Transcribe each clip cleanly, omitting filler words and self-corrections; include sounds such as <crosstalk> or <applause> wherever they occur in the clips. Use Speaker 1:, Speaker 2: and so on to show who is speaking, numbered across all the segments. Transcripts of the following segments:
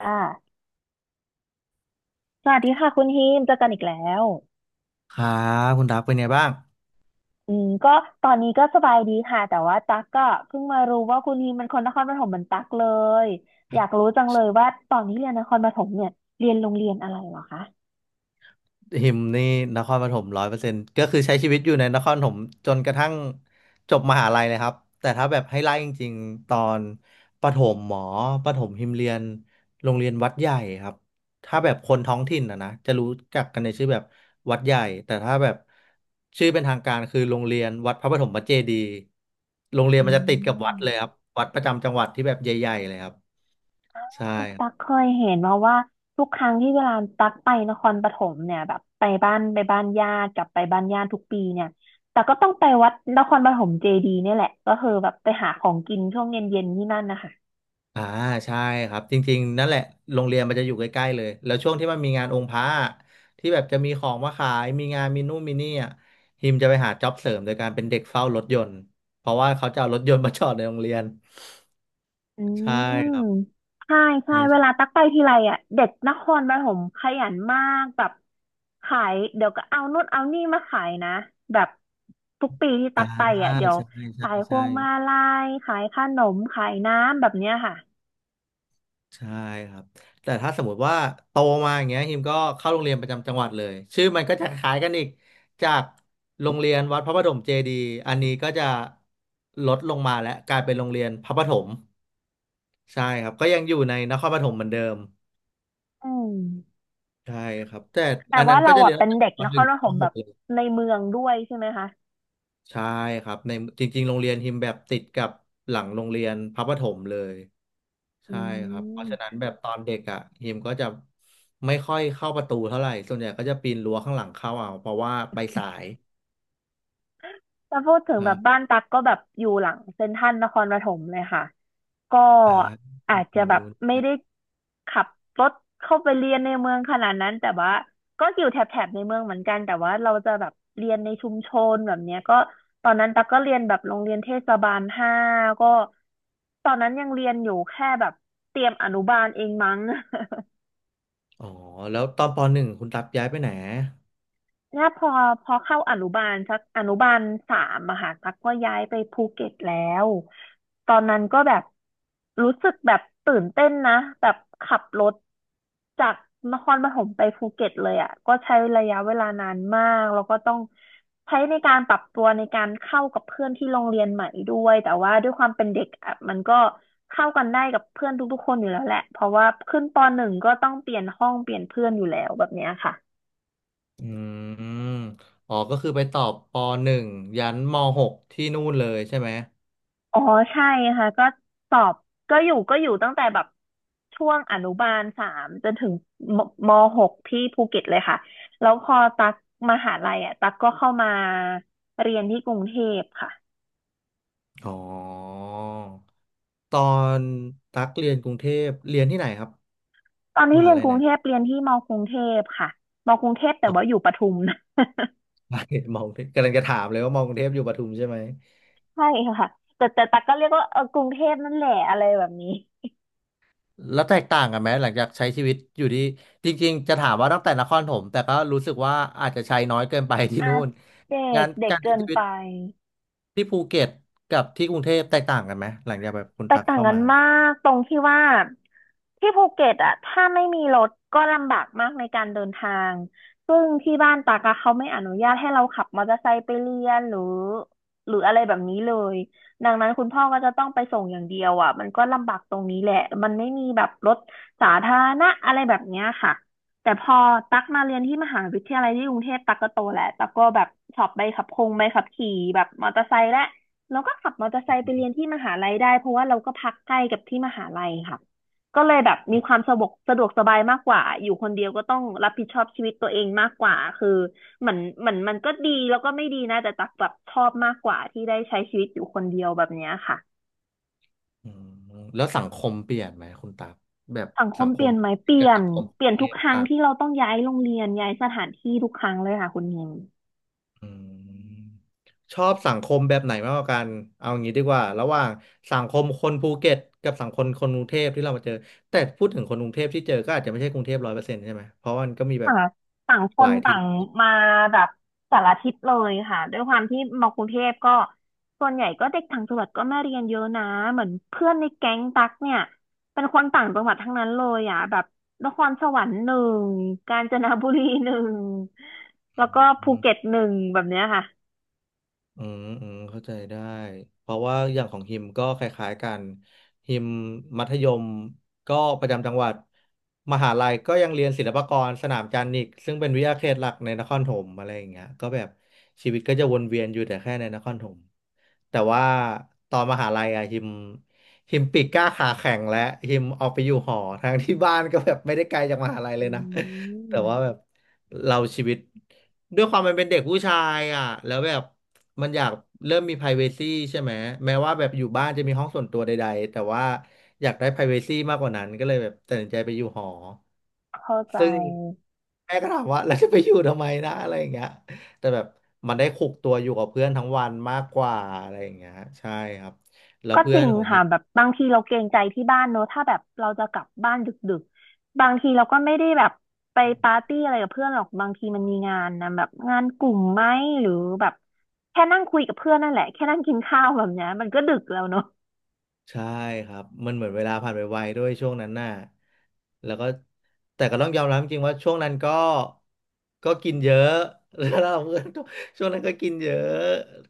Speaker 1: อ่าสวัสดีค่ะคุณฮิมเจอกันอีกแล้ว
Speaker 2: ครับคุณดับเป็นไงบ้าง
Speaker 1: อืมก็ตอนนี้ก็สบายดีค่ะแต่ว่าตั๊กก็เพิ่งมารู้ว่าคุณฮิมเป็นคนนครปฐมเหมือนตั๊กเลยอยากรู้จังเลยว่าตอนนี้เรียนนครปฐมเนี่ยเรียนโรงเรียนอะไรเหรอคะ
Speaker 2: หิมนี่นครปฐมร้อยเปอร์เซ็นต์ก็คือใช้ชีวิตอยู่ในนครปฐมจนกระทั่งจบมหาลัยเลยครับแต่ถ้าแบบให้ไล่จริงๆตอนประถมหมอประถมหิมเรียนโรงเรียนวัดใหญ่ครับถ้าแบบคนท้องถิ่นนะจะรู้จักกันในชื่อแบบวัดใหญ่แต่ถ้าแบบชื่อเป็นทางการคือโรงเรียนวัดพระปฐมเจดีย์โรงเรียน
Speaker 1: อื
Speaker 2: มันจะติดกับวัดเลยค
Speaker 1: ม
Speaker 2: รับวัดประจำจังหวัดที่แบบใหญ่ๆเลยครับใช่
Speaker 1: ตั๊กเคยเห็นมาว่าทุกครั้งที่เวลาตั๊กไปนครปฐมเนี่ยแบบไปบ้านญาติกลับไปบ้านญาติทุกปีเนี่ยแต่ก็ต้องไปวัดนครปฐมเจดีย์เนี่ยแหละก็คือแบบไปหาของกินช่วงเย็นๆที่นั่นนะคะ
Speaker 2: อ่าใช่ครับจริงๆนั่นแหละโรงเรียนมันจะอยู่ใกล้ๆเลยแล้วช่วงที่มันมีงานองค์พระอะที่แบบจะมีของมาขายมีงานมีนู่นมีนี่อ่ะฮิมจะไปหาจ็อบเสริมโดยการเป็นเด็กเฝ้ารถยนต์เพราะว่าเขาจะเอารถยนต์มาจอดในโรงเรียน
Speaker 1: อื
Speaker 2: ใช่ครับ
Speaker 1: มใช่ใช่เว
Speaker 2: ใช่
Speaker 1: ลาตักไปทีไรอ่ะเด็กนครปฐมขยันมากแบบขายเดี๋ยวก็เอานู่นเอานี่มาขายนะแบบทุกปีที่ตั
Speaker 2: อ่า
Speaker 1: กไปอ่ะเดี๋ยว
Speaker 2: ใช่ใช่
Speaker 1: ขายพ
Speaker 2: ใช่
Speaker 1: วงมาลัยขายขนมขายน้ำแบบเนี้ยค่ะ
Speaker 2: ใช่ครับแต่ถ้าสมมติว่าโตมาอย่างเงี้ยฮิมก็เข้าโรงเรียนประจำจังหวัดเลยชื่อมันก็จะคล้ายกันอีกจากโรงเรียนวัดพระประถมเจดีย์อันนี้ก็จะลดลงมาและกลายเป็นโรงเรียนพระประถมใช่ครับก็ยังอยู่ในนครปฐมเหมือนเดิม
Speaker 1: อืม
Speaker 2: ใช่ครับแต่
Speaker 1: แต่
Speaker 2: อัน
Speaker 1: ว่า
Speaker 2: นั้นก็
Speaker 1: เรา
Speaker 2: จะเรี
Speaker 1: อ่ะ
Speaker 2: ยน
Speaker 1: เป็น
Speaker 2: ตั้ง
Speaker 1: เด็
Speaker 2: แต่
Speaker 1: ก
Speaker 2: ป
Speaker 1: น
Speaker 2: ห
Speaker 1: ค
Speaker 2: นึ่ง
Speaker 1: รป
Speaker 2: ถึง
Speaker 1: ฐ
Speaker 2: ป
Speaker 1: ม
Speaker 2: ห
Speaker 1: แบ
Speaker 2: ก
Speaker 1: บ
Speaker 2: เลย
Speaker 1: ในเมืองด้วยใช่ไหมคะ
Speaker 2: ใช่ครับในจริงๆโรงเรียนฮิมแบบติดกับหลังโรงเรียนพระประถมเลย
Speaker 1: อื
Speaker 2: ใช่ครับเพราะฉะนั้น
Speaker 1: ม
Speaker 2: แบบตอนเด็กอ่ะฮิมก็จะไม่ค่อยเข้าประตูเท่าไหร่ส่วนใหญ่ก็จะปีนรั้วข้างหลังเข้าเอาเพราะว่าไปสาย
Speaker 1: ถ้าพูดถึงแบบบ้า
Speaker 2: อ่า
Speaker 1: นตักก็แบบอยู่หลังเซ็นทรัลนครปฐมเลยค่ะก็
Speaker 2: อ่า
Speaker 1: อาจจะ
Speaker 2: ฝั่ง
Speaker 1: แบบ
Speaker 2: นู้
Speaker 1: ไม่
Speaker 2: น
Speaker 1: ได้ขับรถเข้าไปเรียนในเมืองขนาดนั้นแต่ว่าก็อยู่แถบในเมืองเหมือนกันแต่ว่าเราจะแบบเรียนในชุมชนแบบเนี้ยก็ตอนนั้นตักก็เรียนแบบโรงเรียนเทศบาลห้าก็ตอนนั้นยังเรียนอยู่แค่แบบเตรียมอนุบาลเองมั้ง
Speaker 2: อ๋อแล้วตอนปหนึ่งคุณตับย้ายไปไหน
Speaker 1: ถ้าพอเข้าอนุบาลสักอนุบาลสามอะค่ะตักก็ย้ายไปภูเก็ตแล้วตอนนั้นก็แบบรู้สึกแบบตื่นเต้นนะแบบขับรถจากนครปฐมไปภูเก็ตเลยอะก็ใช้ระยะเวลานานมากแล้วก็ต้องใช้ในการปรับตัวในการเข้ากับเพื่อนที่โรงเรียนใหม่ด้วยแต่ว่าด้วยความเป็นเด็กอะมันก็เข้ากันได้กับเพื่อนทุกๆคนอยู่แล้วแหละเพราะว่าขึ้นป.1ก็ต้องเปลี่ยนห้องเปลี่ยนเพื่อนอยู่แล้วแบบเนี้ยค่ะ
Speaker 2: อืมอ๋อก็คือไปต่อปหนึ่งยันม.6ที่นู่นเลยใช่ไหม
Speaker 1: อ๋อใช่ค่ะก็สอบก็อยู่ตั้งแต่แบบช่วงอนุบาลสามจนถึงมม6ที่ภูเก็ตเลยค่ะแล้วพอตักมหาลัยอ่ะตักก็เข้ามาเรียนที่กรุงเทพค่ะ
Speaker 2: อ๋อตอนตักเรียนกรุงเทพเรียนที่ไหนครับ
Speaker 1: ตอน
Speaker 2: ม
Speaker 1: ที่เรี
Speaker 2: หา
Speaker 1: ยน
Speaker 2: ลัย
Speaker 1: กรุ
Speaker 2: ไหน
Speaker 1: งเทพเรียนที่มกรุงเทพค่ะมกรุงเทพแต่
Speaker 2: อ๋อ
Speaker 1: ว่าอยู่ปทุม <laughs> นะ
Speaker 2: <laughs> มองกรุงเทพกำลังจะถามเลยว่ามองกรุงเทพอยู่ปทุมใช่ไหม
Speaker 1: ใช่ค่ะแต่ตักก็เรียกว่าเออกรุงเทพนั่นแหละอะไรแบบนี้
Speaker 2: แล้วแตกต่างกันไหมหลังจากใช้ชีวิตอยู่ที่จริงๆจะถามว่าตั้งแต่นครปฐมแต่ก็รู้สึกว่าอาจจะใช้น้อยเกินไปที่
Speaker 1: อา
Speaker 2: นู่น
Speaker 1: เด็
Speaker 2: งา
Speaker 1: ก
Speaker 2: น
Speaker 1: เด็ก
Speaker 2: การใช้
Speaker 1: เกิน
Speaker 2: ชีวิต
Speaker 1: ไป
Speaker 2: ที่ภูเก็ตกับที่กรุงเทพแตกต่างกันไหมหลังจากแบบคุณ
Speaker 1: แต
Speaker 2: ตั
Speaker 1: ก
Speaker 2: ก
Speaker 1: ต่าง
Speaker 2: เข้า
Speaker 1: กัน
Speaker 2: มา
Speaker 1: มากตรงที่ว่าที่ภูเก็ตอะถ้าไม่มีรถก็ลำบากมากในการเดินทางซึ่งที่บ้านตากอะเขาไม่อนุญาตให้เราขับมอเตอร์ไซค์ไปเรียนหรืออะไรแบบนี้เลยดังนั้นคุณพ่อก็จะต้องไปส่งอย่างเดียวอะมันก็ลำบากตรงนี้แหละมันไม่มีแบบรถสาธารณะอะไรแบบเนี้ยค่ะแต่พอตักมาเรียนที่มหาวิทยาลัยที่กรุงเทพตักก็โตแล้วตักก็แบบสอบใบขับคงใบขับขี่แบบมอเตอร์ไซค์และ เราก็ขับมอเตอร์ไซค์ไปเรียนที่มหาลัยได้เพราะว่าเราก็พักใกล้กับที่มหาลัยค่ะก็เลยแบบมีความสะดวกสบายมากกว่าอยู่คนเดียวก็ต้องรับผิดชอบชีวิตตัวเองมากกว่าคือเหมือนมันก็ดีแล้วก็ไม่ดีนะแต่ตักแบบชอบมากกว่าที่ได้ใช้ชีวิตอยู่คนเดียวแบบเนี้ยค่ะ
Speaker 2: อืมแล้วสังคมเปลี่ยนไหมคุณตักแบบ
Speaker 1: สังค
Speaker 2: สั
Speaker 1: ม
Speaker 2: งค
Speaker 1: เปลี่
Speaker 2: ม
Speaker 1: ยนไหมเป
Speaker 2: ภูเก็
Speaker 1: ลี่
Speaker 2: ต
Speaker 1: ยน
Speaker 2: กับสังคม
Speaker 1: เป
Speaker 2: ก
Speaker 1: ลี่ย
Speaker 2: รุ
Speaker 1: น
Speaker 2: งเท
Speaker 1: ทุก
Speaker 2: พ
Speaker 1: ครั้ง
Speaker 2: ต่าง
Speaker 1: ที่เราต้องย้ายโรงเรียนย้ายสถานที่ทุกครั้งเลยค่ะคุณเฮง
Speaker 2: อืมชอบสังคมแบบไหนมากกว่ากันเอางี้ดีกว่าระหว่างสังคมคนภูเก็ตกับสังคมคนกรุงเทพที่เรามาเจอแต่พูดถึงคนกรุงเทพที่เจอก็อาจจะไม่ใช่กรุงเทพร้อยเปอร์เซ็นต์ใช่ไหมเพราะมันก็มีแบบ
Speaker 1: ต่างต่างค
Speaker 2: ห
Speaker 1: น
Speaker 2: ลาย
Speaker 1: ต่า
Speaker 2: ที่
Speaker 1: งมาแบบสารทิศเลยค่ะด้วยความที่มากรุงเทพก็ส่วนใหญ่ก็เด็กต่างจังหวัดก็มาเรียนเยอะนะเหมือนเพื่อนในแก๊งตักเนี่ยเป็นคนต่างจังหวัดทั้งนั้นเลยอ่ะแบบนครสวรรค์หนึ่งกาญจนบุรีหนึ่งแล้วก็ภูเก็ตหนึ่งแบบเนี้ยค่ะ
Speaker 2: อืมอืมเข้าใจได้เพราะว่าอย่างของฮิมก็คล้ายๆกันฮิมมัธยมก็ประจำจังหวัดมหาลัยก็ยังเรียนศิลปากรสนามจันทร์อีกซึ่งเป็นวิทยาเขตหลักในนครปฐมอะไรอย่างเงี้ยก็แบบชีวิตก็จะวนเวียนอยู่แต่แค่ในนครปฐมแต่ว่าตอนมหาลัยอะฮิมปีกกล้าขาแข็งและฮิมออกไปอยู่หอทั้งที่บ้านก็แบบไม่ได้ไกลจากมหาลัยเล
Speaker 1: อื
Speaker 2: ยนะแต่ว่า
Speaker 1: ม
Speaker 2: แบบ เราชีวิตด้วยความมันเป็นเด็กผู้ชายอ่ะแล้วแบบมันอยากเริ่มมี privacy ใช่ไหมแม้ว่าแบบอยู่บ้านจะมีห้องส่วนตัวใดๆแต่ว่าอยากได้ privacy มากกว่านั้นก็เลยแบบตัดสินใจไปอยู่หอ
Speaker 1: เข้าใจ
Speaker 2: ซึ่งแม่ก็ถามว่าเราจะไปอยู่ทำไมนะอะไรอย่างเงี้ยแต่แบบมันได้คุกตัวอยู่กับเพื่อนทั้งวันมากกว่าอะไรอย่างเงี้ยใช่ครับแล้ว
Speaker 1: ก็จ
Speaker 2: เพื่อ
Speaker 1: ริ
Speaker 2: น
Speaker 1: ง
Speaker 2: ของเฮี
Speaker 1: ค่ะ
Speaker 2: ย
Speaker 1: แบบบางทีเราเกรงใจที่บ้านเนอะถ้าแบบเราจะกลับบ้านดึกๆบางทีเราก็ไม่ได้แบบไปปาร์ตี้อะไรกับเพื่อนหรอกบางทีมันมีงานนะแบบงานกลุ่มไหมหรือแบบแค่นั่งคุยกับเพื่อนนั่นแหละแค่นั่งกินข้าวแบบเนี้ยมันก็ดึกแล้วเนอะ
Speaker 2: ใช่ครับมันเหมือนเวลาผ่านไปไวด้วยช่วงนั้นน่ะแล้วก็แต่ก็ต้องยอมรับจริงๆว่าช่วงนั้นก็ก็กินเยอะ <laughs> แล้วเราเพื่อนก็ช่วงนั้นก็กินเยอะ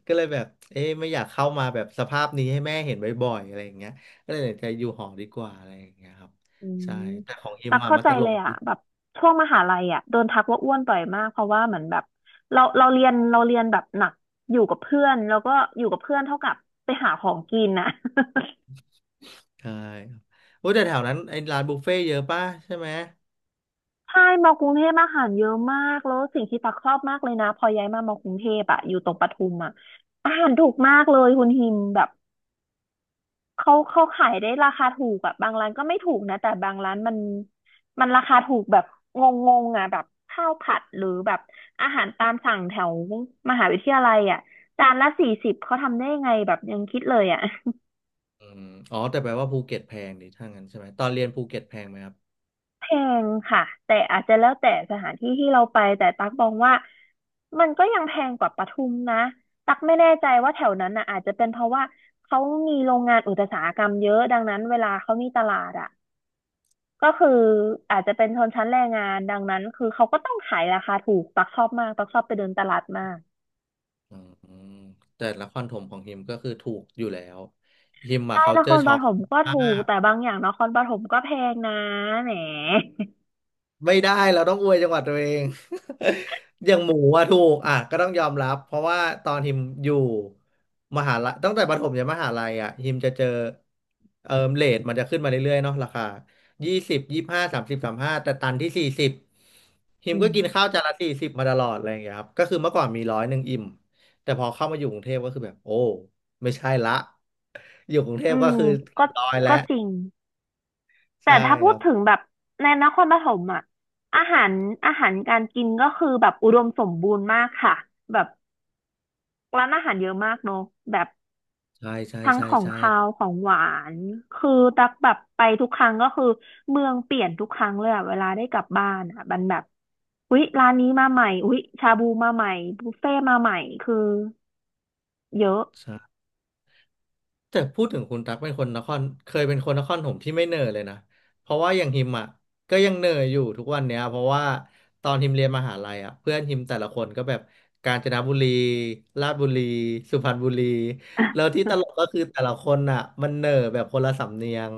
Speaker 2: ก็เลยแบบเอ๊ะไม่อยากเข้ามาแบบสภาพนี้ให้แม่เห็นบ่อยๆอะไรอย่างเงี้ยก็เลยตัดสินใจอยู่หอดีกว่าอะไรอย่างเงี้ยครับ
Speaker 1: อื
Speaker 2: ใช่
Speaker 1: ม
Speaker 2: แต่ของอิ
Speaker 1: ตั
Speaker 2: ม
Speaker 1: ก
Speaker 2: อะ
Speaker 1: เข้า
Speaker 2: มัน
Speaker 1: ใจ
Speaker 2: ตล
Speaker 1: เล
Speaker 2: ก
Speaker 1: ยอ่ะ
Speaker 2: ดี
Speaker 1: แบบช่วงมหาลัยอ่ะโดนทักว่าอ้วนบ่อยมากเพราะว่าเหมือนแบบเราเรียนเราเรียนแบบหนักอยู่กับเพื่อนแล้วก็อยู่กับเพื่อนเท่ากับไปหาของกินนะ <laughs>
Speaker 2: ใช่ครับโอ้ยแต่แถวนั้นไอ้ร้านบุฟเฟ่ต์เยอะป่ะใช่ไหม
Speaker 1: ใช่มอกรุงเทพอาหารเยอะมากแล้วสิ่งที่ตักชอบมากเลยนะพอย้ายมามอกรุงเทพอะอยู่ตรงปทุมอะอาหารถูกมากเลยคุณฮิมแบบเขาขายได้ราคาถูกแบบบางร้านก็ไม่ถูกนะแต่บางร้านมันราคาถูกแบบงงๆอะแบบข้าวผัดหรือแบบอาหารตามสั่งแถวมหาวิทยาลัยอะจานละ40เขาทำได้ยังไงแบบยังคิดเลยอะ
Speaker 2: อืมอ๋อแต่แปลว่าภูเก็ตแพงดิถ้างั้นใช่ไหมตอนเรียนภูเก็ตแพงไหมครับ
Speaker 1: แพงค่ะแต่อาจจะแล้วแต่สถานที่ที่เราไปแต่ตักมองว่ามันก็ยังแพงกว่าปทุมนะตักไม่แน่ใจว่าแถวนั้นน่ะอาจจะเป็นเพราะว่าเขามีโรงงานอุตสาหกรรมเยอะดังนั้นเวลาเขามีตลาดอ่ะก็คืออาจจะเป็นชนชั้นแรงงานดังนั้นคือเขาก็ต้องขายราคาถูกตักชอบมากตักชอบไปเดินตลาดมาก
Speaker 2: อืมแต่ละครถมของฮิมก็คือถูกอยู่แล้วฮิมอะ
Speaker 1: ใช่นค
Speaker 2: culture
Speaker 1: รป
Speaker 2: shock
Speaker 1: ฐมก็
Speaker 2: มา
Speaker 1: ถูก
Speaker 2: ก
Speaker 1: แต่บางอย่างนครปฐมก็แพงนะแหม
Speaker 2: ไม่ได้เราต้องอวยจังหวัดตัวเอง <laughs> อย่างหมูอะถูกอ่ะก็ต้องยอมรับเพราะว่าตอนฮิมอยู่มหาลัยตั้งแต่ประถมยันมหาลัยอะฮิมจะเจอเรทมันจะขึ้นมาเรื่อยๆเนาะราคายี่สิบ253035แต่ตันที่สี่สิบฮิม
Speaker 1: อื
Speaker 2: ก็
Speaker 1: ม
Speaker 2: กินข้าวจานละสี่สิบมาตลอดอะไรอย่างเงี้ยครับก็คือเมื่อก่อนมี100อิ่มแต่พอเข้ามาอยู่กรุงเทพก็คือแบบโอ้ไม่ใช่ละ อยู่กรุงเท
Speaker 1: อื
Speaker 2: พก็
Speaker 1: ม
Speaker 2: คือเรี
Speaker 1: ก็
Speaker 2: ยบร้อยแล้ว
Speaker 1: ก็จริง แต่
Speaker 2: ใช่
Speaker 1: ถ้า
Speaker 2: ค
Speaker 1: พูด
Speaker 2: รับ
Speaker 1: ถึงแบบในนครปฐมอ่ะอาหารอาหารการกินก็คือแบบอุดมสมบูรณ์มากค่ะแบบร้านอาหารเยอะมากเนอะแบบ
Speaker 2: ใช่ใช่
Speaker 1: ทั้ง
Speaker 2: ใช่
Speaker 1: ของ
Speaker 2: ใช่
Speaker 1: คาวของหวานคือตักแบบไปทุกครั้งก็คือเมืองเปลี่ยนทุกครั้งเลยอะเวลาได้กลับบ้านอะมันแบบอุ๊ยร้านนี้มาใหม่อุ๊ยชาบูมาใหม่บุฟเฟ่มาใหม่คือเยอะ
Speaker 2: ใช่แต่พูดถึงคุณตั๊กเป็นคนนครเคยเป็นคนนครผมที่ไม่เหน่อยเลยนะเพราะว่าอย่างฮิมอ่ะก็ยังเหน่อยอยู่ทุกวันเนี้ยเพราะว่าตอนฮิมเรียนมหาลัยอ่ะเพื่อนฮิมแต่ละคนก็แบบกาญจนบุรีราชบุรีสุพรรณบุรีแล้วที่ตลกก็
Speaker 1: <laughs>
Speaker 2: คือแต่ละคนอ่ะมันเหน่อยแบบคนละสำเนียง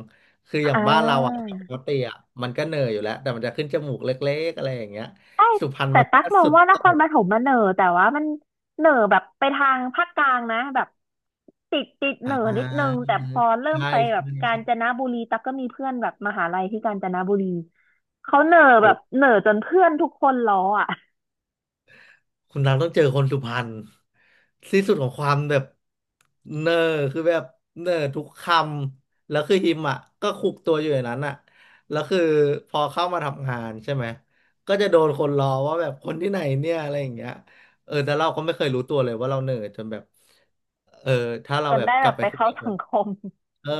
Speaker 2: คืออย่า
Speaker 1: อ่
Speaker 2: งบ้านเราอ่ะป
Speaker 1: า
Speaker 2: กติอ่ะมันก็เหน่อยอยู่แล้วแต่มันจะขึ้นจมูกเล็กๆอะไรอย่างเงี้ย
Speaker 1: ใช่
Speaker 2: สุพรรณ
Speaker 1: แต่
Speaker 2: มัน
Speaker 1: ตั๊ก
Speaker 2: ก็
Speaker 1: มอง
Speaker 2: สุด
Speaker 1: ว่าน
Speaker 2: โต่
Speaker 1: คร
Speaker 2: ง
Speaker 1: ปฐมมันเหน่อแต่ว่ามันเหน่อแบบไปทางภาคกลางนะแบบติดเห
Speaker 2: อ่
Speaker 1: น่อนิดนึง
Speaker 2: า
Speaker 1: แต่พอเริ่ม
Speaker 2: ใช่
Speaker 1: ไปแบบ
Speaker 2: ใช่
Speaker 1: กาญ
Speaker 2: ใช่
Speaker 1: จนบุรีตั๊กก็มีเพื่อนแบบมหาลัยที่กาญจนบุรีเขาเหน่อแบ
Speaker 2: โอ้
Speaker 1: บเหน่อจนเพื่อนทุกคนล้ออ่ะ
Speaker 2: คุณรังต้องเจอคนสุพรรณที่สุดของความแบบเนอร์คือแบบเนอร์ทุกคำแล้วคือฮิมอ่ะก็คุกตัวอยู่อย่างนั้นอ่ะแล้วคือพอเข้ามาทำงานใช่ไหมก็จะโดนคนล้อว่าแบบคนที่ไหนเนี่ยอะไรอย่างเงี้ยเออแต่เราก็ไม่เคยรู้ตัวเลยว่าเราเนอร์จนแบบเออถ้าเรา
Speaker 1: จน
Speaker 2: แบบ
Speaker 1: ได้
Speaker 2: ก
Speaker 1: แบ
Speaker 2: ลับ
Speaker 1: บ
Speaker 2: ไป
Speaker 1: ไป
Speaker 2: คุย
Speaker 1: เข้า
Speaker 2: กับค
Speaker 1: สัง
Speaker 2: น
Speaker 1: คม
Speaker 2: เออ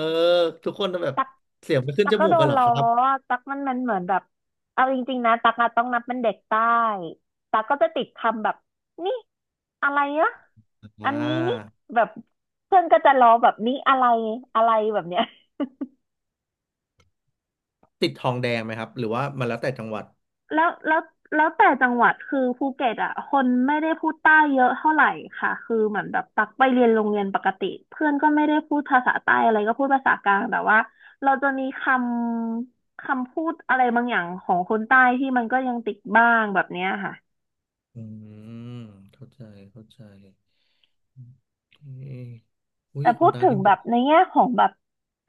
Speaker 2: ทุกคนจะแบบ
Speaker 1: ตัก
Speaker 2: เสียงไปขึ้
Speaker 1: ตั
Speaker 2: น
Speaker 1: ก
Speaker 2: จ
Speaker 1: ก็
Speaker 2: มู
Speaker 1: โด
Speaker 2: กกั
Speaker 1: น
Speaker 2: นเหรอ
Speaker 1: ล้อ
Speaker 2: ครับ
Speaker 1: อะตักมันเหมือนแบบเอาจริงๆนะตักอะต้องนับเป็นเด็กใต้ตักก็จะติดคำแบบนี่อะไรอะอั
Speaker 2: อ่า
Speaker 1: นนี้นี่แบบเพื่อนก็จะล้อแบบนี่อะไรอะไรแบบเนี้ย
Speaker 2: ติดทองแดงไหมครับหรือว่ามันแล้วแต่จังหวัด
Speaker 1: แล้วแล้วแล้วแต่จังหวัดคือภูเก็ตอ่ะคนไม่ได้พูดใต้เยอะเท่าไหร่ค่ะคือเหมือนแบบตักไปเรียนโรงเรียนปกติเพื่อนก็ไม่ได้พูดภาษาใต้อะไรก็พูดภาษากลางแต่ว่าเราจะมีคำพูดอะไรบางอย่างของคนใต้ที่มันก็ยังติดบ้างแบบเนี้ยค่ะ
Speaker 2: อืมเข้าใจเข้าใจโอเคอุ้ย
Speaker 1: แต่พู
Speaker 2: คุณ
Speaker 1: ด
Speaker 2: ตา
Speaker 1: ถึง
Speaker 2: คิมป
Speaker 1: แบ
Speaker 2: ว
Speaker 1: บ
Speaker 2: ด
Speaker 1: ในแง่ของแบบ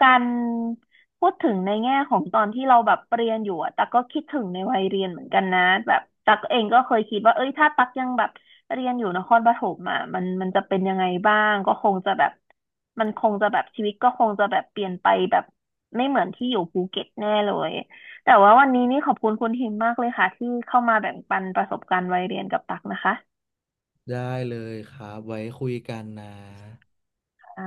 Speaker 1: การพูดถึงในแง่ของตอนที่เราแบบเรียนอยู่อะตักก็คิดถึงในวัยเรียนเหมือนกันนะแบบตักเองก็เคยคิดว่าเอ้ยถ้าตักยังแบบเรียนอยู่นครปฐมอ่ะมันมันจะเป็นยังไงบ้างก็คงจะแบบมันคงจะแบบชีวิตก็คงจะแบบเปลี่ยนไปแบบไม่เหมือนที่อยู่ภูเก็ตแน่เลยแต่ว่าวันนี้นี่ขอบคุณคุณทิมมากเลยค่ะที่เข้ามาแบ่งปันประสบการณ์วัยเรียนกับตักนะคะ
Speaker 2: ได้เลยครับไว้คุยกันนะ
Speaker 1: อ่า